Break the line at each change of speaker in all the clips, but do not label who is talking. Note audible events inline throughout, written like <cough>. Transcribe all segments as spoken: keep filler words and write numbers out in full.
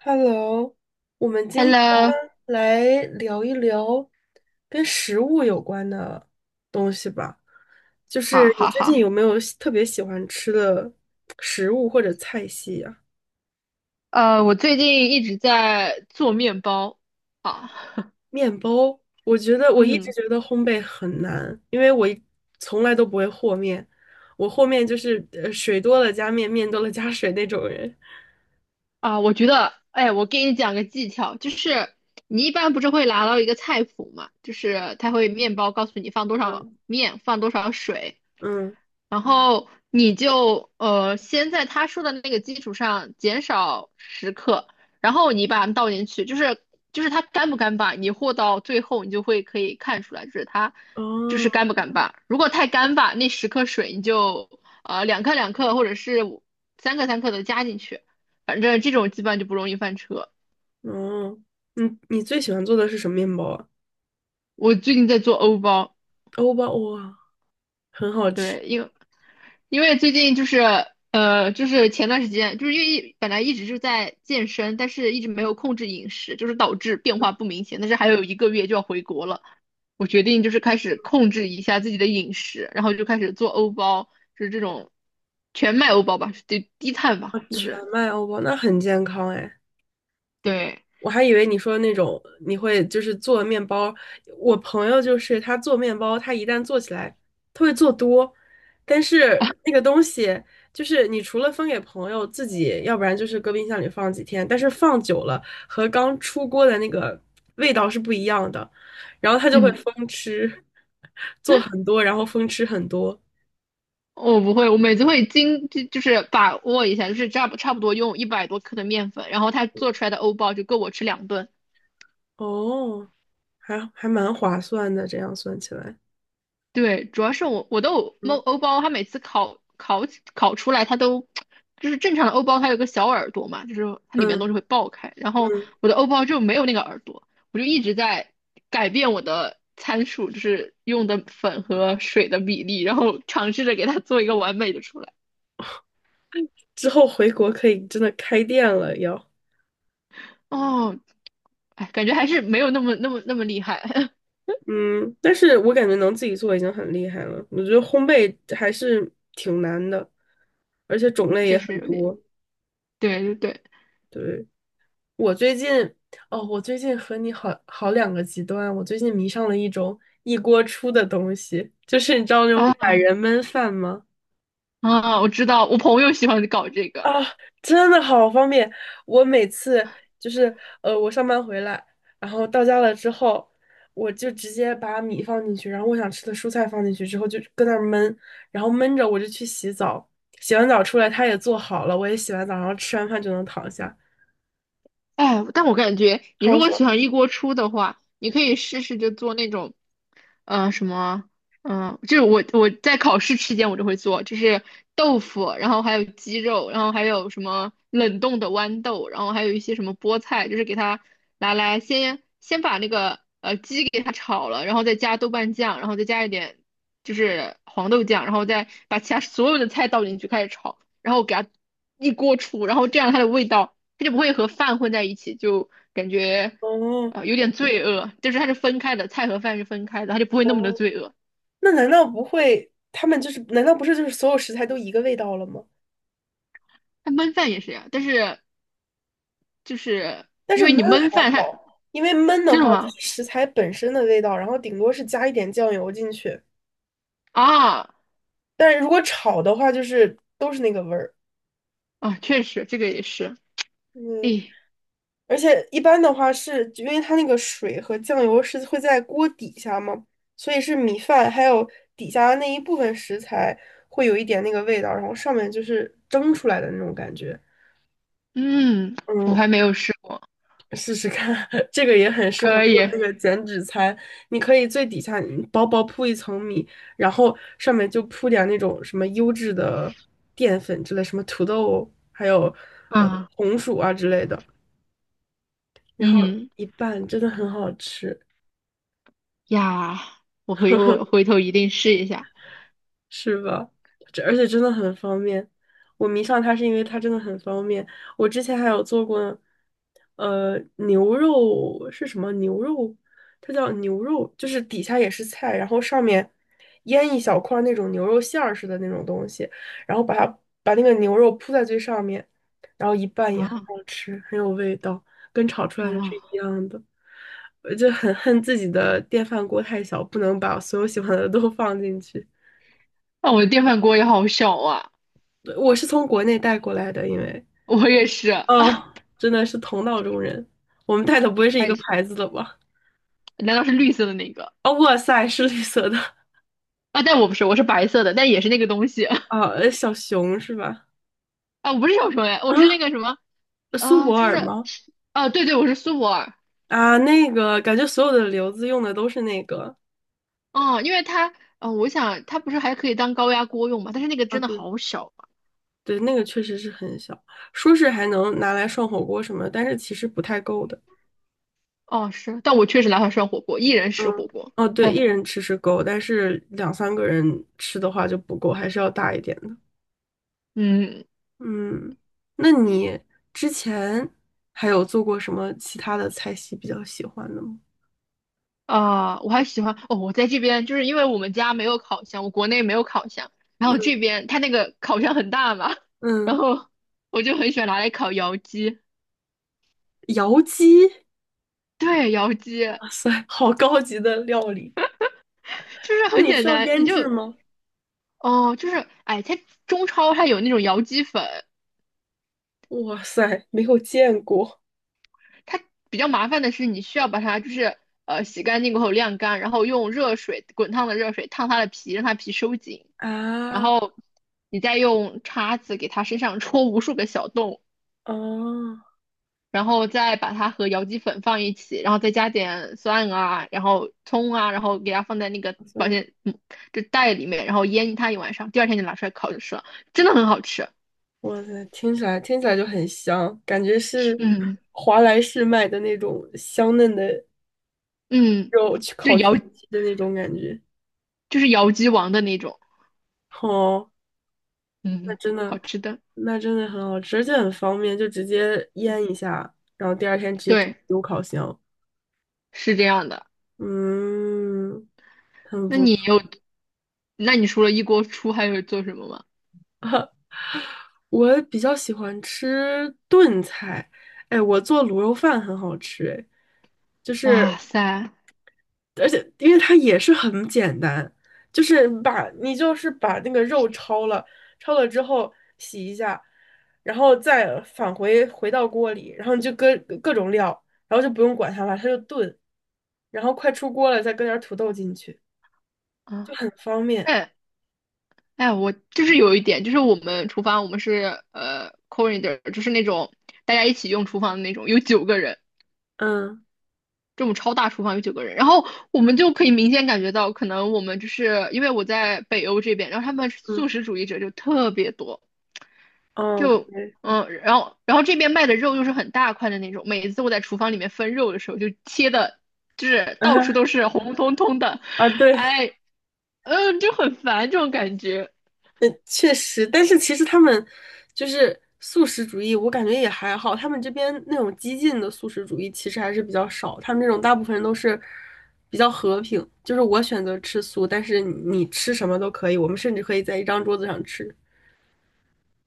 Hello，我们今天
Hello，
来聊一聊跟食物有关的东西吧。就
好，
是你
好，
最近
好，
有没有喜特别喜欢吃的食物或者菜系呀？
呃，我最近一直在做面包。好。<laughs>
面包，我觉得我一直
嗯。
觉得烘焙很难，因为我一从来都不会和面，我和面就是呃水多了加面，面多了加水那种人。
啊，我觉得，哎，我给你讲个技巧，就是你一般不是会拿到一个菜谱嘛，就是它会面包告诉你放多少
嗯
面，放多少水，
嗯，
然后你就呃先在他说的那个基础上减少十克，然后你把它们倒进去，就是就是它干不干巴，你和到最后你就会可以看出来，就是它就是
哦
干不干巴。如果太干巴，那十克水你就呃两克两克或者是五三克三克的加进去。反正这种基本上就不容易翻车。
哦，你你最喜欢做的是什么面包啊？
我最近在做欧包。
欧包哇！很好吃
对，因为因为最近就是呃，就是前段时间，就是因为一本来一直是在健身，但是一直没有控制饮食，就是导致变化不明显。但是还有一个月就要回国了，我决定就是开始控制一下自己的饮食，然后就开始做欧包，就是这种全麦欧包吧，低低碳吧，
啊，
就
全
是
麦欧包那很健康哎，
对，
我还以为你说那种你会就是做面包，我朋友就是他做面包，他一旦做起来，他会做多，但是那个东西就是你除了分给朋友自己，要不然就是搁冰箱里放几天，但是放久了和刚出锅的那个味道是不一样的，然后他就会
嗯。
疯吃，做很多，然后疯吃很多，
我不会，我每次会精就就是把握一下，就是差不差不多用一百多克的面粉，然后它做出来的欧包就够我吃两顿。
哦，还还蛮划算的，这样算起来。
对，主要是我我的欧
嗯。
欧包，它每次烤烤烤出来，它都就是正常的欧包，它有个小耳朵嘛，就是它里面的
嗯
东西会爆开，然后
嗯，
我的欧包就没有那个耳朵，我就一直在改变我的参数，就是用的粉和水的比例，然后尝试着给它做一个完美的出来。
之后回国可以真的开店了要。
哦，哎，感觉还是没有那么那么那么厉害。<laughs>
嗯，但是我感觉能自己做已经很厉害了。我觉得烘焙还是挺难的，而且种类
确
也
实
很
有点，
多。
对对对。
对，我最近，哦，我最近和你好好两个极端。我最近迷上了一种一锅出的东西，就是你知道那种懒
啊
人焖饭吗？
啊，我知道，我朋友喜欢搞这个。
啊，真的好方便！我每次就是呃，我上班回来，然后到家了之后，我就直接把米放进去，然后我想吃的蔬菜放进去之后，就搁那儿焖，然后焖着我就去洗澡，洗完澡出来它也做好了，我也洗完澡，然后吃完饭就能躺下，
哎，但我感觉你如
好
果
爽！
喜欢一锅出的话，你可以试试就做那种呃什么，嗯、就是我我在考试期间我就会做，就是豆腐，然后还有鸡肉，然后还有什么冷冻的豌豆，然后还有一些什么菠菜，就是给它拿来先先把那个呃鸡给它炒了，然后再加豆瓣酱，然后再加一点就是黄豆酱，然后再把其他所有的菜倒进去开始炒，然后给它一锅出，然后这样它的味道它就不会和饭混在一起，就感觉。
哦
啊，有点罪恶，就是它是分开的，菜和饭是分开的，它就不会那么的
哦，
罪恶。
那难道不会他们就是难道不是就是所有食材都一个味道了吗？
它焖饭也是呀，但是就是
但
因
是
为
焖
你焖
还
饭它，
好，因为焖的话
真的
它
吗？
是食材本身的味道，然后顶多是加一点酱油进去。
啊
但是如果炒的话，就是都是那个味儿。
啊，确实这个也是。
嗯，
诶，
而且一般的话是因为它那个水和酱油是会在锅底下嘛，所以是米饭还有底下的那一部分食材会有一点那个味道，然后上面就是蒸出来的那种感觉。
嗯，我
嗯，
还没有试过。
试试看，<laughs> 这个也很适合
可
做
以。
那个减脂餐。你可以最底下薄薄铺一层米，然后上面就铺点那种什么优质的淀粉之类，什么土豆，还有呃
啊，
红薯啊之类的，然后
嗯
一拌，真的很好吃。
呀，我回我回头一定试一下。
是吧？这而且真的很方便。我迷上它是因为它真的很方便。我之前还有做过，呃，牛肉是什么牛肉？它叫牛肉，就是底下也是菜，然后上面腌一小块儿那种牛肉馅儿似的那种东西，然后把它把那个牛肉铺在最上面，然后一拌也很
啊
好吃，很有味道，跟炒出来的是
啊！
一样的。我就很恨自己的电饭锅太小，不能把所有喜欢的都放进去。
那我的电饭锅也好小啊。
我是从国内带过来的，因为
我也是，
哦，真的是同道中人。我们带的不会是一
太
个牌
小。
子的吧？
难道是绿色的那个？
哦，哇塞，是绿色的
啊，但我不是，我是白色的，但也是那个东西。<laughs>
啊，呃小熊是吧？
啊，我不是小熊哎，
啊，
我是那个什么
苏
啊，
泊
就
尔
是
吗？
啊，对对，我是苏泊尔。
啊，那个感觉所有的瘤子用的都是那个。
嗯，因为它，嗯，我想它不是还可以当高压锅用嘛，但是那个
啊，
真的
对
好小啊。
对，那个确实是很小，说是还能拿来涮火锅什么的但是其实不太够的。
哦，是，但我确实拿它涮火锅，一人食
嗯，
火锅。
哦，对，一
哎，
人吃是够，但是两三个人吃的话就不够，还是要大一点。
嗯。
嗯，那你之前还有做过什么其他的菜系比较喜欢的吗？
啊，我还喜欢，哦，我在这边就是因为我们家没有烤箱，我国内没有烤箱，然后这
嗯
边它那个烤箱很大嘛，<laughs> 然
嗯，
后我就很喜欢拿来烤窑鸡。
窑鸡，
对，窑鸡
哇塞，好高级的料理。
就是
那
很
你
简
需要
单，你
腌制
就。
吗？
哦，就是，哎，它中超它有那种窑鸡粉。
哇塞，没有见过
它比较麻烦的是，你需要把它就是呃洗干净过后晾干，然后用热水滚烫的热水烫它的皮，让它皮收紧，然
啊！
后你再用叉子给它身上戳无数个小洞，
哦，
然后再把它和摇鸡粉放一起，然后再加点蒜啊，然后葱啊，然后给它放在那个
哇
保
塞，
鲜嗯就袋里面，然后腌它一晚上，第二天就拿出来烤就吃了，真的很好吃。
哇塞，听起来听起来就很香，感觉是
嗯
华莱士卖的那种香嫩的
嗯，
肉去
就
烤全
摇
鸡的那种感觉。
就是摇鸡王的那种，
哦，那
嗯，
真的，
好吃的。
那真的很好吃，而且很方便，就直接腌一下，然后第二天直接
对。
丢烤箱。
是这样的。
嗯，很
那
不
你有，
错。
那你除了一锅出，还有做什么吗？
我比较喜欢吃炖菜，哎，我做卤肉饭很好吃，哎，就
哇
是
塞，
而且因为它也是很简单，就是把你就是把那个肉焯了，焯了之后洗一下，然后再返回回到锅里，然后你就搁各种料，然后就不用管它了，它就炖，然后快出锅了再搁点土豆进去，就
啊，
很方便。
哎哎，我就是有一点，就是我们厨房，我们是呃 corridor，就是那种大家一起用厨房的那种，有九个人。
嗯
这种超大厨房有九个人，然后我们就可以明显感觉到，可能我们就是因为我在北欧这边，然后他们
嗯，
素食主义者就特别多。
哦
就
对，
嗯，然后然后这边卖的肉又是很大块的那种，每次我在厨房里面分肉的时候，就切的，就是到处都
<laughs> 啊
是红彤彤的。
啊对。
哎，嗯，就很烦这种感觉。
嗯，确实，但是其实他们就是素食主义，我感觉也还好。他们这边那种激进的素食主义其实还是比较少，他们这种大部分人都是比较和平，就是我选择吃素，但是你你吃什么都可以，我们甚至可以在一张桌子上吃。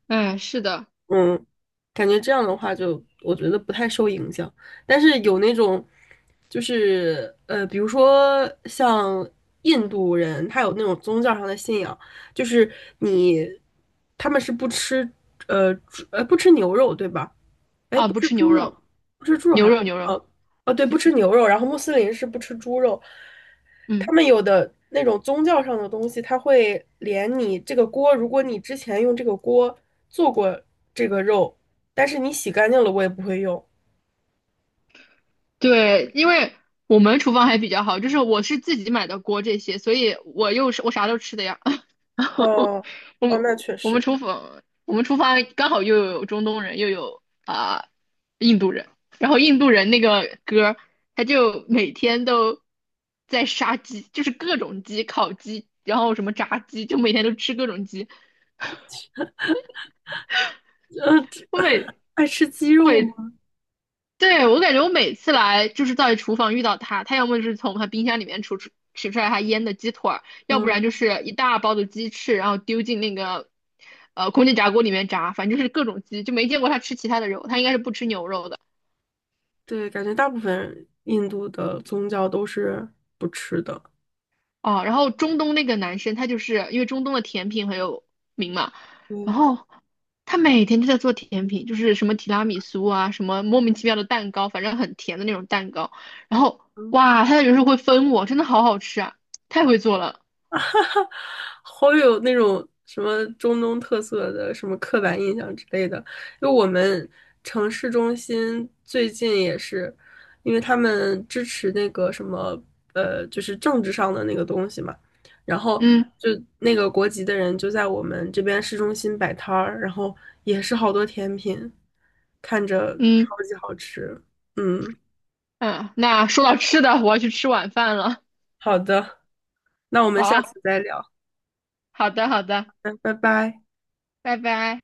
哎，是的。
嗯，感觉这样的话就，我觉得不太受影响。但是有那种，就是呃，比如说像印度人，他有那种宗教上的信仰，就是你他们是不吃呃猪呃不吃牛肉，对吧？哎，
啊，
不
不
吃
吃
猪
牛肉。
肉，不吃猪肉
牛
还不
肉牛肉。
哦哦，对，不吃牛肉。然后穆斯林是不吃猪肉，他
嗯。
们有的那种宗教上的东西，他会连你这个锅，如果你之前用这个锅做过这个肉，但是你洗干净了，我也不会用。
对，因为我们厨房还比较好，就是我是自己买的锅这些，所以我又是我啥都吃的呀。<laughs>
哦
我
哦，
们
那确
我们
实，
厨房我们厨房刚好又有中东人，又有啊、印度人，然后印度人那个哥儿他就每天都在杀鸡，就是各种鸡、烤鸡，然后什么炸鸡，就每天都吃各种鸡。
呃，这
我每
爱吃鸡
我
肉
每
吗？
对，我感觉我每次来就是在厨房遇到他，他要么就是从他冰箱里面取出取出来他腌的鸡腿儿，要不
嗯，
然就是一大包的鸡翅，然后丢进那个呃空气炸锅里面炸，反正就是各种鸡，就没见过他吃其他的肉，他应该是不吃牛肉的。
对，感觉大部分印度的宗教都是不吃的。
哦，然后中东那个男生，他就是因为中东的甜品很有名嘛，然
嗯。
后他每天都在做甜品，就是什么提拉米苏啊，什么莫名其妙的蛋糕，反正很甜的那种蛋糕。然后哇，他有时候会分我，真的好好吃啊，太会做了。
<laughs> 好有那种什么中东特色的什么刻板印象之类的。因为我们城市中心最近也是，因为他们支持那个什么呃，就是政治上的那个东西嘛，然后
嗯
就那个国籍的人就在我们这边市中心摆摊儿，然后也是好多甜品，看着
嗯
超级好吃。嗯，
嗯，那说到吃的，我要去吃晚饭了。
好的，那我们
好
下
啊，
次再聊，
好的好的，
嗯，拜拜。
拜拜。